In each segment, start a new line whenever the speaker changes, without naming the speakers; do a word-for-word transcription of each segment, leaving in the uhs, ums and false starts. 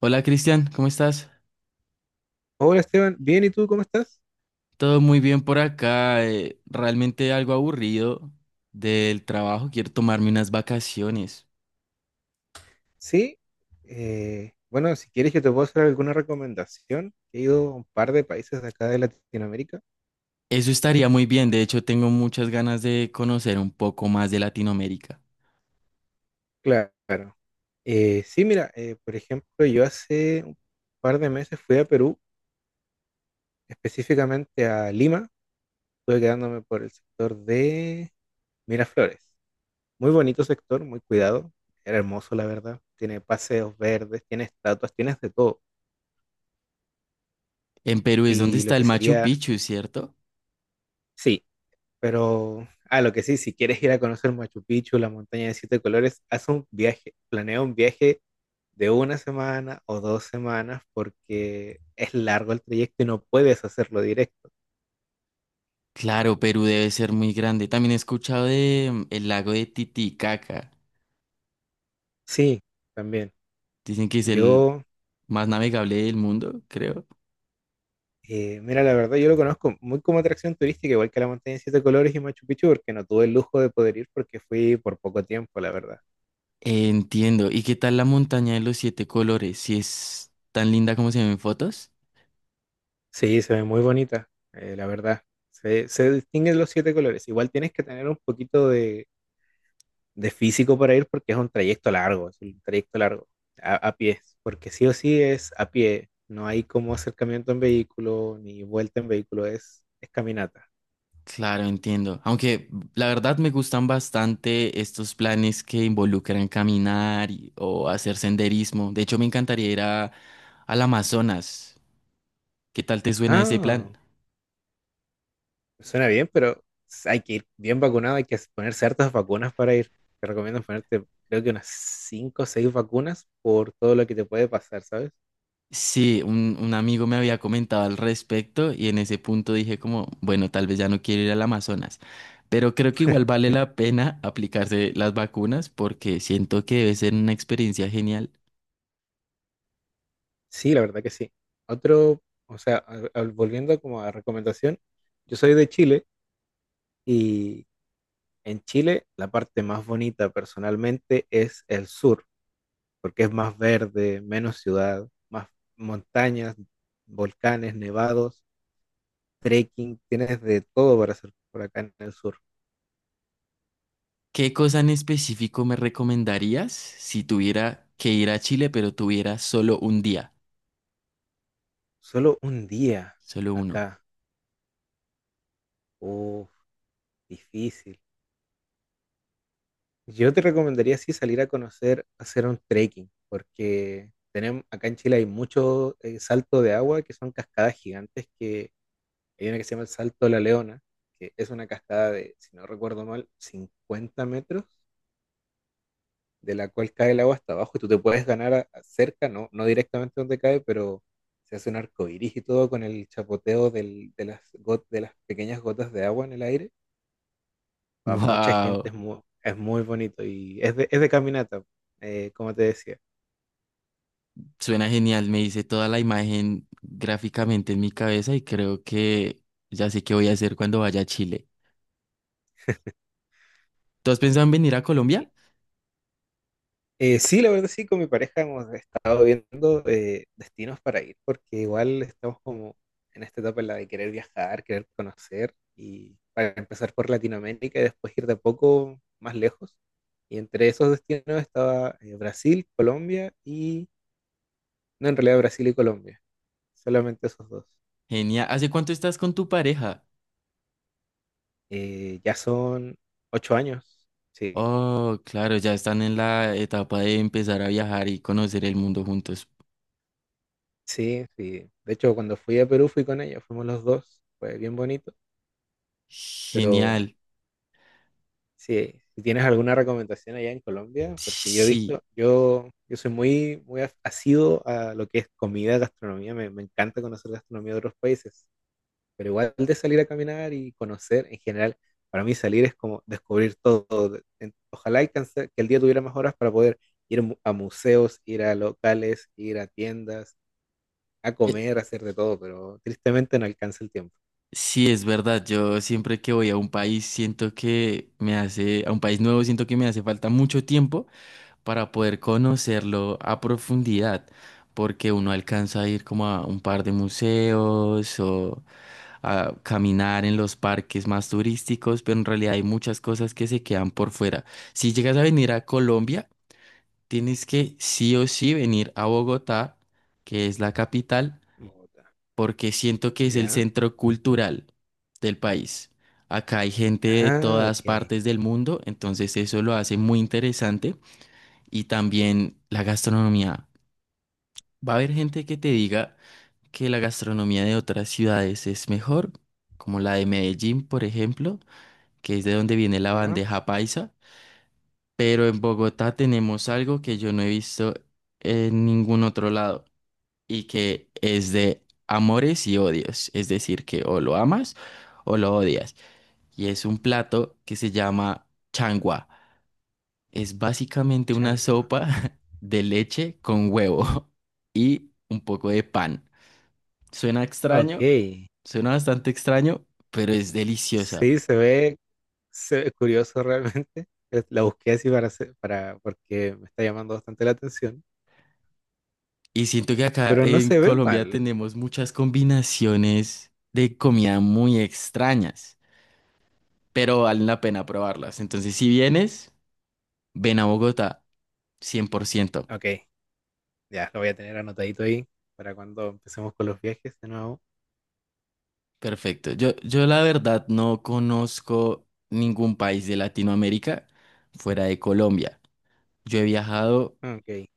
Hola Cristian, ¿cómo estás?
Hola Esteban, bien, ¿y tú cómo estás?
Todo muy bien por acá. Eh, realmente algo aburrido del trabajo. Quiero tomarme unas vacaciones.
Sí, eh, bueno, si quieres yo te puedo hacer alguna recomendación. He ido a un par de países de acá de Latinoamérica.
Eso estaría muy bien. De hecho, tengo muchas ganas de conocer un poco más de Latinoamérica.
Claro. Eh, sí, mira, eh, por ejemplo, yo hace un par de meses fui a Perú, específicamente a Lima. Estuve quedándome por el sector de Miraflores. Muy bonito sector, muy cuidado. Era hermoso, la verdad. Tiene paseos verdes, tiene estatuas, tienes de todo.
En Perú es donde
Y
está
lo que
el Machu
sería,
Picchu, ¿cierto?
sí. Pero, ah, lo que sí, si quieres ir a conocer Machu Picchu, la montaña de siete colores, haz un viaje, planea un viaje de una semana o dos semanas porque es largo el trayecto y no puedes hacerlo directo.
Claro, Perú debe ser muy grande. También he escuchado de mm, el lago de Titicaca.
Sí, también.
Dicen que es el
Yo,
más navegable del mundo, creo.
eh, mira, la verdad, yo lo conozco muy como atracción turística, igual que la montaña de siete colores y Machu Picchu, porque no tuve el lujo de poder ir porque fui por poco tiempo, la verdad.
Entiendo. ¿Y qué tal la montaña de los siete colores? Si es tan linda como se ven en fotos.
Sí, se ve muy bonita, eh, la verdad. Se, se distinguen los siete colores. Igual tienes que tener un poquito de de físico para ir porque es un trayecto largo, es un trayecto largo a, a pie, porque sí o sí es a pie, no hay como acercamiento en vehículo ni vuelta en vehículo, es, es caminata.
Claro, entiendo. Aunque la verdad me gustan bastante estos planes que involucran caminar y- o hacer senderismo. De hecho, me encantaría ir a, al Amazonas. ¿Qué tal te suena ese plan?
Ah, suena bien, pero hay que ir bien vacunado, hay que poner ciertas vacunas para ir. Te recomiendo ponerte, creo que unas cinco o seis vacunas por todo lo que te puede pasar, ¿sabes?
Sí, un, un amigo me había comentado al respecto y en ese punto dije como, bueno, tal vez ya no quiero ir al Amazonas, pero creo que igual vale la pena aplicarse las vacunas porque siento que debe ser una experiencia genial.
Sí, la verdad que sí. Otro, o sea, al- al- volviendo como a recomendación, yo soy de Chile y En Chile, la parte más bonita personalmente es el sur, porque es más verde, menos ciudad, más montañas, volcanes, nevados, trekking, tienes de todo para hacer por acá en el sur.
¿Qué cosa en específico me recomendarías si tuviera que ir a Chile, pero tuviera solo un día?
Solo un día
Solo uno.
acá, uff, difícil. Yo te recomendaría sí salir a conocer, hacer un trekking, porque tenemos, acá en Chile hay mucho eh, salto de agua que son cascadas gigantes. Que Hay una que se llama el Salto de la Leona, que es una cascada de, si no recuerdo mal, 50 metros, de la cual cae el agua hasta abajo y tú te puedes ganar a- a cerca, no, no directamente donde cae, pero se hace un arco iris y todo con el chapoteo del- de, las got- de las pequeñas gotas de agua en el aire. Para mucha gente
Wow,
es muy, es muy bonito y es de, es de caminata, eh, como te decía.
suena genial, me hice toda la imagen gráficamente en mi cabeza y creo que ya sé qué voy a hacer cuando vaya a Chile. ¿Tú has pensado en venir a Colombia?
Eh, sí, la verdad sí, con mi pareja hemos estado viendo eh, destinos para ir, porque igual estamos como en esta etapa en la de querer viajar, querer conocer, y para empezar por Latinoamérica y después ir de a poco más lejos. Y entre esos destinos estaba eh, Brasil, Colombia y, no, en realidad Brasil y Colombia, solamente esos dos.
Genial. ¿Hace cuánto estás con tu pareja?
Eh, ya son ocho años, sí,
Oh, claro, ya están en la etapa de empezar a viajar y conocer el mundo juntos.
sí, sí. De hecho, cuando fui a Perú fui con ella, fuimos los dos, fue bien bonito, pero.
Genial.
Sí, si tienes alguna recomendación allá en Colombia, porque yo he
Sí,
visto, yo, yo soy muy, muy af- asiduo a lo que es comida, gastronomía, me, me encanta conocer gastronomía de otros países, pero igual de salir a caminar y conocer en general, para mí salir es como descubrir todo. de- en- Ojalá y canse- que el día tuviera más horas para poder ir mu- a museos, ir a locales, ir a tiendas, a
eh,
comer, a hacer de todo, pero tristemente no alcanza el tiempo.
sí, es verdad. Yo siempre que voy a un país siento que me hace, a un país nuevo siento que me hace falta mucho tiempo, para poder conocerlo a profundidad, porque uno alcanza a ir como a un par de museos o a caminar en los parques más turísticos, pero en realidad hay muchas cosas que se quedan por fuera. Si llegas a venir a Colombia, tienes que sí o sí venir a Bogotá, que es la capital,
Mota.
porque siento que es el
¿Ya?
centro cultural del país. Acá hay gente de
Ah,
todas
ok.
partes del mundo, entonces eso lo hace muy interesante. Y también la gastronomía. Va a haber gente que te diga que la gastronomía de otras ciudades es mejor, como la de Medellín, por ejemplo, que es de donde viene la
¿Ya?
bandeja paisa, pero en Bogotá tenemos algo que yo no he visto en ningún otro lado y que es de amores y odios, es decir, que o lo amas o lo odias. Y es un plato que se llama changua. Es básicamente una
Changua.
sopa de leche con huevo y un poco de pan. Suena
Ok.
extraño, suena bastante extraño, pero es deliciosa.
Sí, se ve, se ve curioso realmente. Es- La busqué así para, hacer- para, porque me está llamando bastante la atención,
Y siento que acá
pero no
en
se ve
Colombia
mal.
tenemos muchas combinaciones de comida muy extrañas, pero valen la pena probarlas. Entonces, si vienes, ven a Bogotá, cien por ciento.
Ok, ya lo voy a tener anotadito ahí para cuando empecemos con los viajes de nuevo.
Perfecto. Yo, yo la verdad no conozco ningún país de Latinoamérica fuera de Colombia. Yo he viajado
Ok,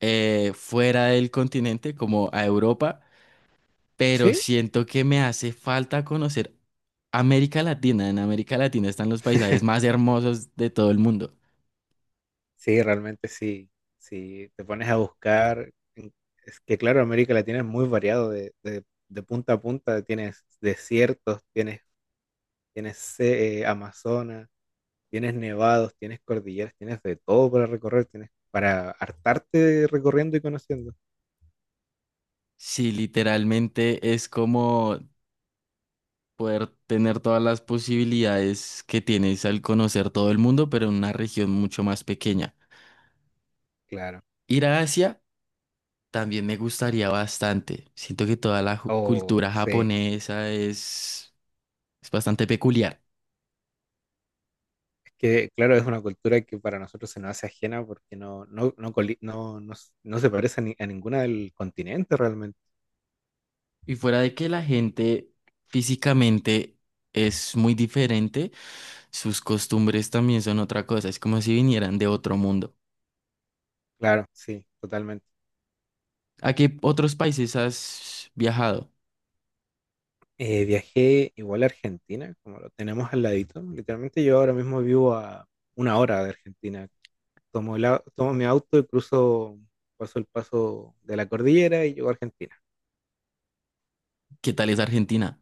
eh, fuera del continente, como a Europa, pero
sí,
siento que me hace falta conocer América Latina. En América Latina están los paisajes más hermosos de todo el mundo.
sí, realmente sí. Si te pones a buscar, en- es que claro, América Latina es muy variado de, de- de punta a punta. Tienes desiertos, tienes, tienes eh, Amazonas. Tienes nevados, tienes cordilleras, tienes de todo para recorrer, tienes para hartarte recorriendo y conociendo.
Sí, literalmente es como poder tener todas las posibilidades que tienes al conocer todo el mundo, pero en una región mucho más pequeña.
Claro.
Ir a Asia también me gustaría bastante. Siento que toda la ju-
Oh,
cultura
sí.
japonesa es, es bastante peculiar.
Es que, claro, es una cultura que para nosotros se nos hace ajena porque no, no, no, coli- no, no s- no se parece a, ni- a ninguna del continente realmente.
Y fuera de que la gente físicamente es muy diferente, sus costumbres también son otra cosa. Es como si vinieran de otro mundo.
Claro, sí, totalmente.
¿A qué otros países has viajado?
Eh, viajé igual a Argentina, como lo tenemos al ladito. Literalmente yo ahora mismo vivo a una hora de Argentina. Tomo, el au- tomo mi auto y cruzo, paso el paso de la cordillera y llego a Argentina.
¿Qué tal es Argentina?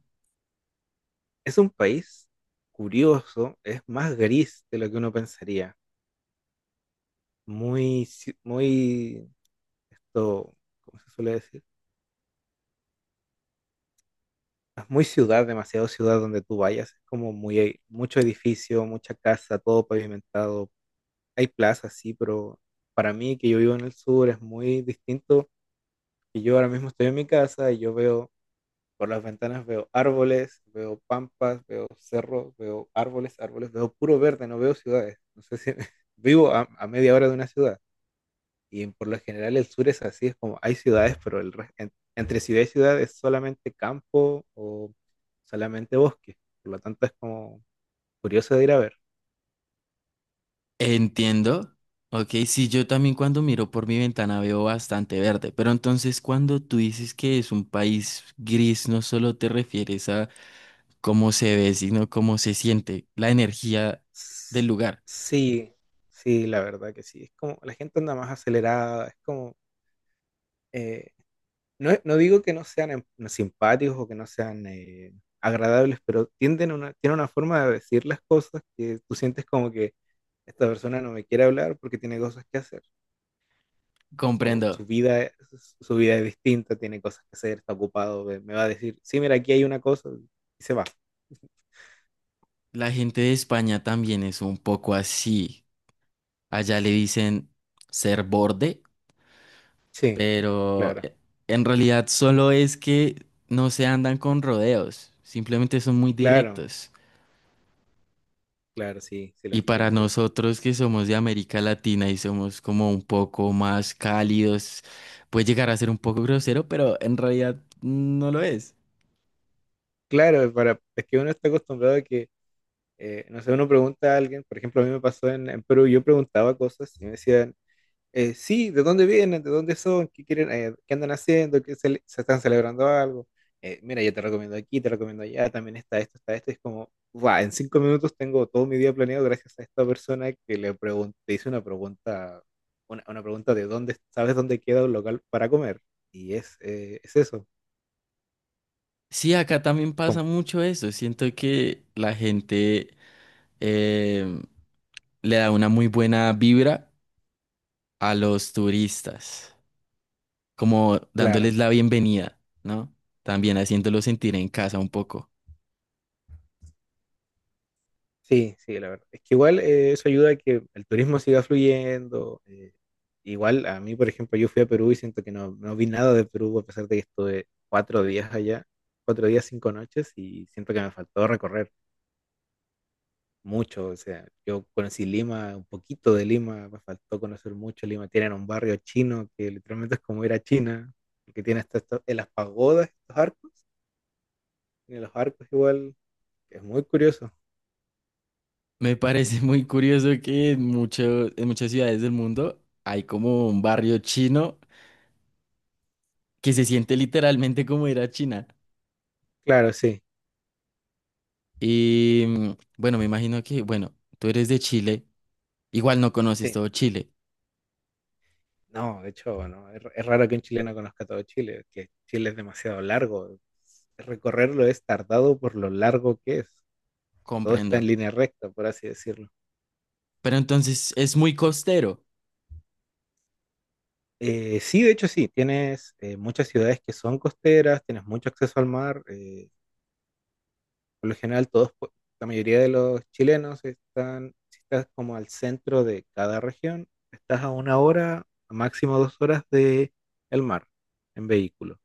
Es un país curioso, es más gris de lo que uno pensaría. Muy, ci- muy, esto, ¿cómo se suele decir? Es muy ciudad, demasiado ciudad donde tú vayas. Es como muy, e, mucho edificio, mucha casa, todo pavimentado. Hay plazas, sí, pero para mí que yo vivo en el sur es muy distinto. Y yo ahora mismo estoy en mi casa y yo veo Por las ventanas veo árboles, veo pampas, veo cerros, veo árboles, árboles, veo puro verde, no veo ciudades. No sé si vivo a, a media hora de una ciudad. Y por lo general el sur es así, es como hay ciudades, pero el, re- en- entre ciudad y ciudad es solamente campo o solamente bosque. Por lo tanto es como curioso de ir a ver.
Entiendo. Ok, sí, yo también cuando miro por mi ventana veo bastante verde, pero entonces cuando tú dices que es un país gris, no solo te refieres a cómo se ve, sino cómo se siente, la energía del
S-
lugar.
Sí, sí, la verdad que sí. Es como la gente anda más acelerada, es como eh, No, no digo que no sean em- simpáticos o que no sean eh, agradables, pero tienden a una, tienen una forma de decir las cosas que tú sientes como que esta persona no me quiere hablar porque tiene cosas que hacer, o
Comprendo.
su vida es, su vida es distinta, tiene cosas que hacer, está ocupado, me, me va a decir, sí, mira, aquí hay una cosa, y se va.
La gente de España también es un poco así. Allá le dicen ser borde,
Sí,
pero
claro,
eh, en realidad solo es que no se andan con rodeos, simplemente son muy
claro,
directos.
claro, sí, sí lo
Y para
entiendo igual.
nosotros que somos de América Latina y somos como un poco más cálidos, puede llegar a ser un poco grosero, pero en realidad no lo es.
Claro, para, es que uno está acostumbrado a que eh, no sé, uno pregunta a alguien, por ejemplo, a mí me pasó en, en Perú, yo preguntaba cosas y me decían, eh, sí, de dónde vienen, de dónde son, qué quieren, eh, qué andan haciendo, qué cele- se están celebrando algo. Eh, mira, yo te recomiendo aquí, te recomiendo allá, también está esto, está esto. Es como, va, en cinco minutos tengo todo mi día planeado gracias a esta persona que le pregunté, hice una pregunta, una, una pregunta de dónde, ¿sabes dónde queda un local para comer? Y es, eh, es eso.
Sí, acá también pasa
Como,
mucho eso. Siento que la gente em, le da una muy buena vibra a los turistas, como
claro.
dándoles la bienvenida, ¿no? También haciéndolos sentir en casa un poco.
Sí, sí, la verdad. Es que igual eh, eso ayuda a que el turismo siga fluyendo. eh, igual a mí, por ejemplo, yo fui a Perú y siento que no, no vi nada de Perú a pesar de que estuve cuatro días allá, cuatro días, cinco noches y siento que me faltó recorrer mucho. O sea, yo conocí Lima, un poquito de Lima, me faltó conocer mucho Lima. Tienen un barrio chino que literalmente es como ir a China, que tiene hasta esto- en las pagodas, estos arcos, en los arcos igual, es muy curioso.
Me parece muy curioso que en mucho- en muchas ciudades del mundo hay como un barrio chino que se siente literalmente como ir a China.
Claro, sí.
Y mm, bueno, me imagino que, bueno, tú eres de Chile, igual no conoces
Sí.
todo Chile,
No, de hecho, no, es, es raro que un chileno conozca todo Chile, que Chile es demasiado largo. Recorrerlo es tardado por lo largo que es. Todo está
comprendo.
en línea recta, por así decirlo.
Pero entonces es muy costero.
Eh, sí, de hecho sí, tienes eh, muchas ciudades que son costeras, tienes mucho acceso al mar. eh, por lo general, todos, pu- la mayoría de los chilenos están, si estás como al centro de cada región, estás a una hora, a máximo dos horas de el mar en vehículo.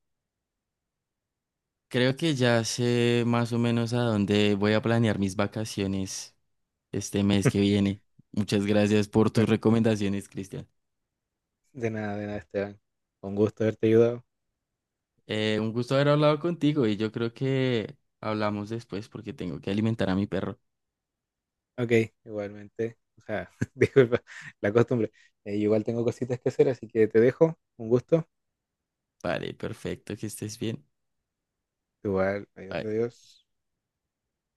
Creo que ya sé más o menos a dónde voy a planear mis vacaciones este mes que viene. Muchas gracias por tus
Claro.
recomendaciones, Cristian.
De nada, de nada, Esteban. Con gusto haberte ayudado.
Eh, un gusto haber hablado contigo y yo creo que hablamos después porque tengo que alimentar a mi perro.
Ok, igualmente. O sea, disculpa, la costumbre. Eh, igual tengo cositas que hacer, así que te dejo. Un gusto.
Vale, perfecto, que estés bien.
Igual, adiós,
Bye.
adiós.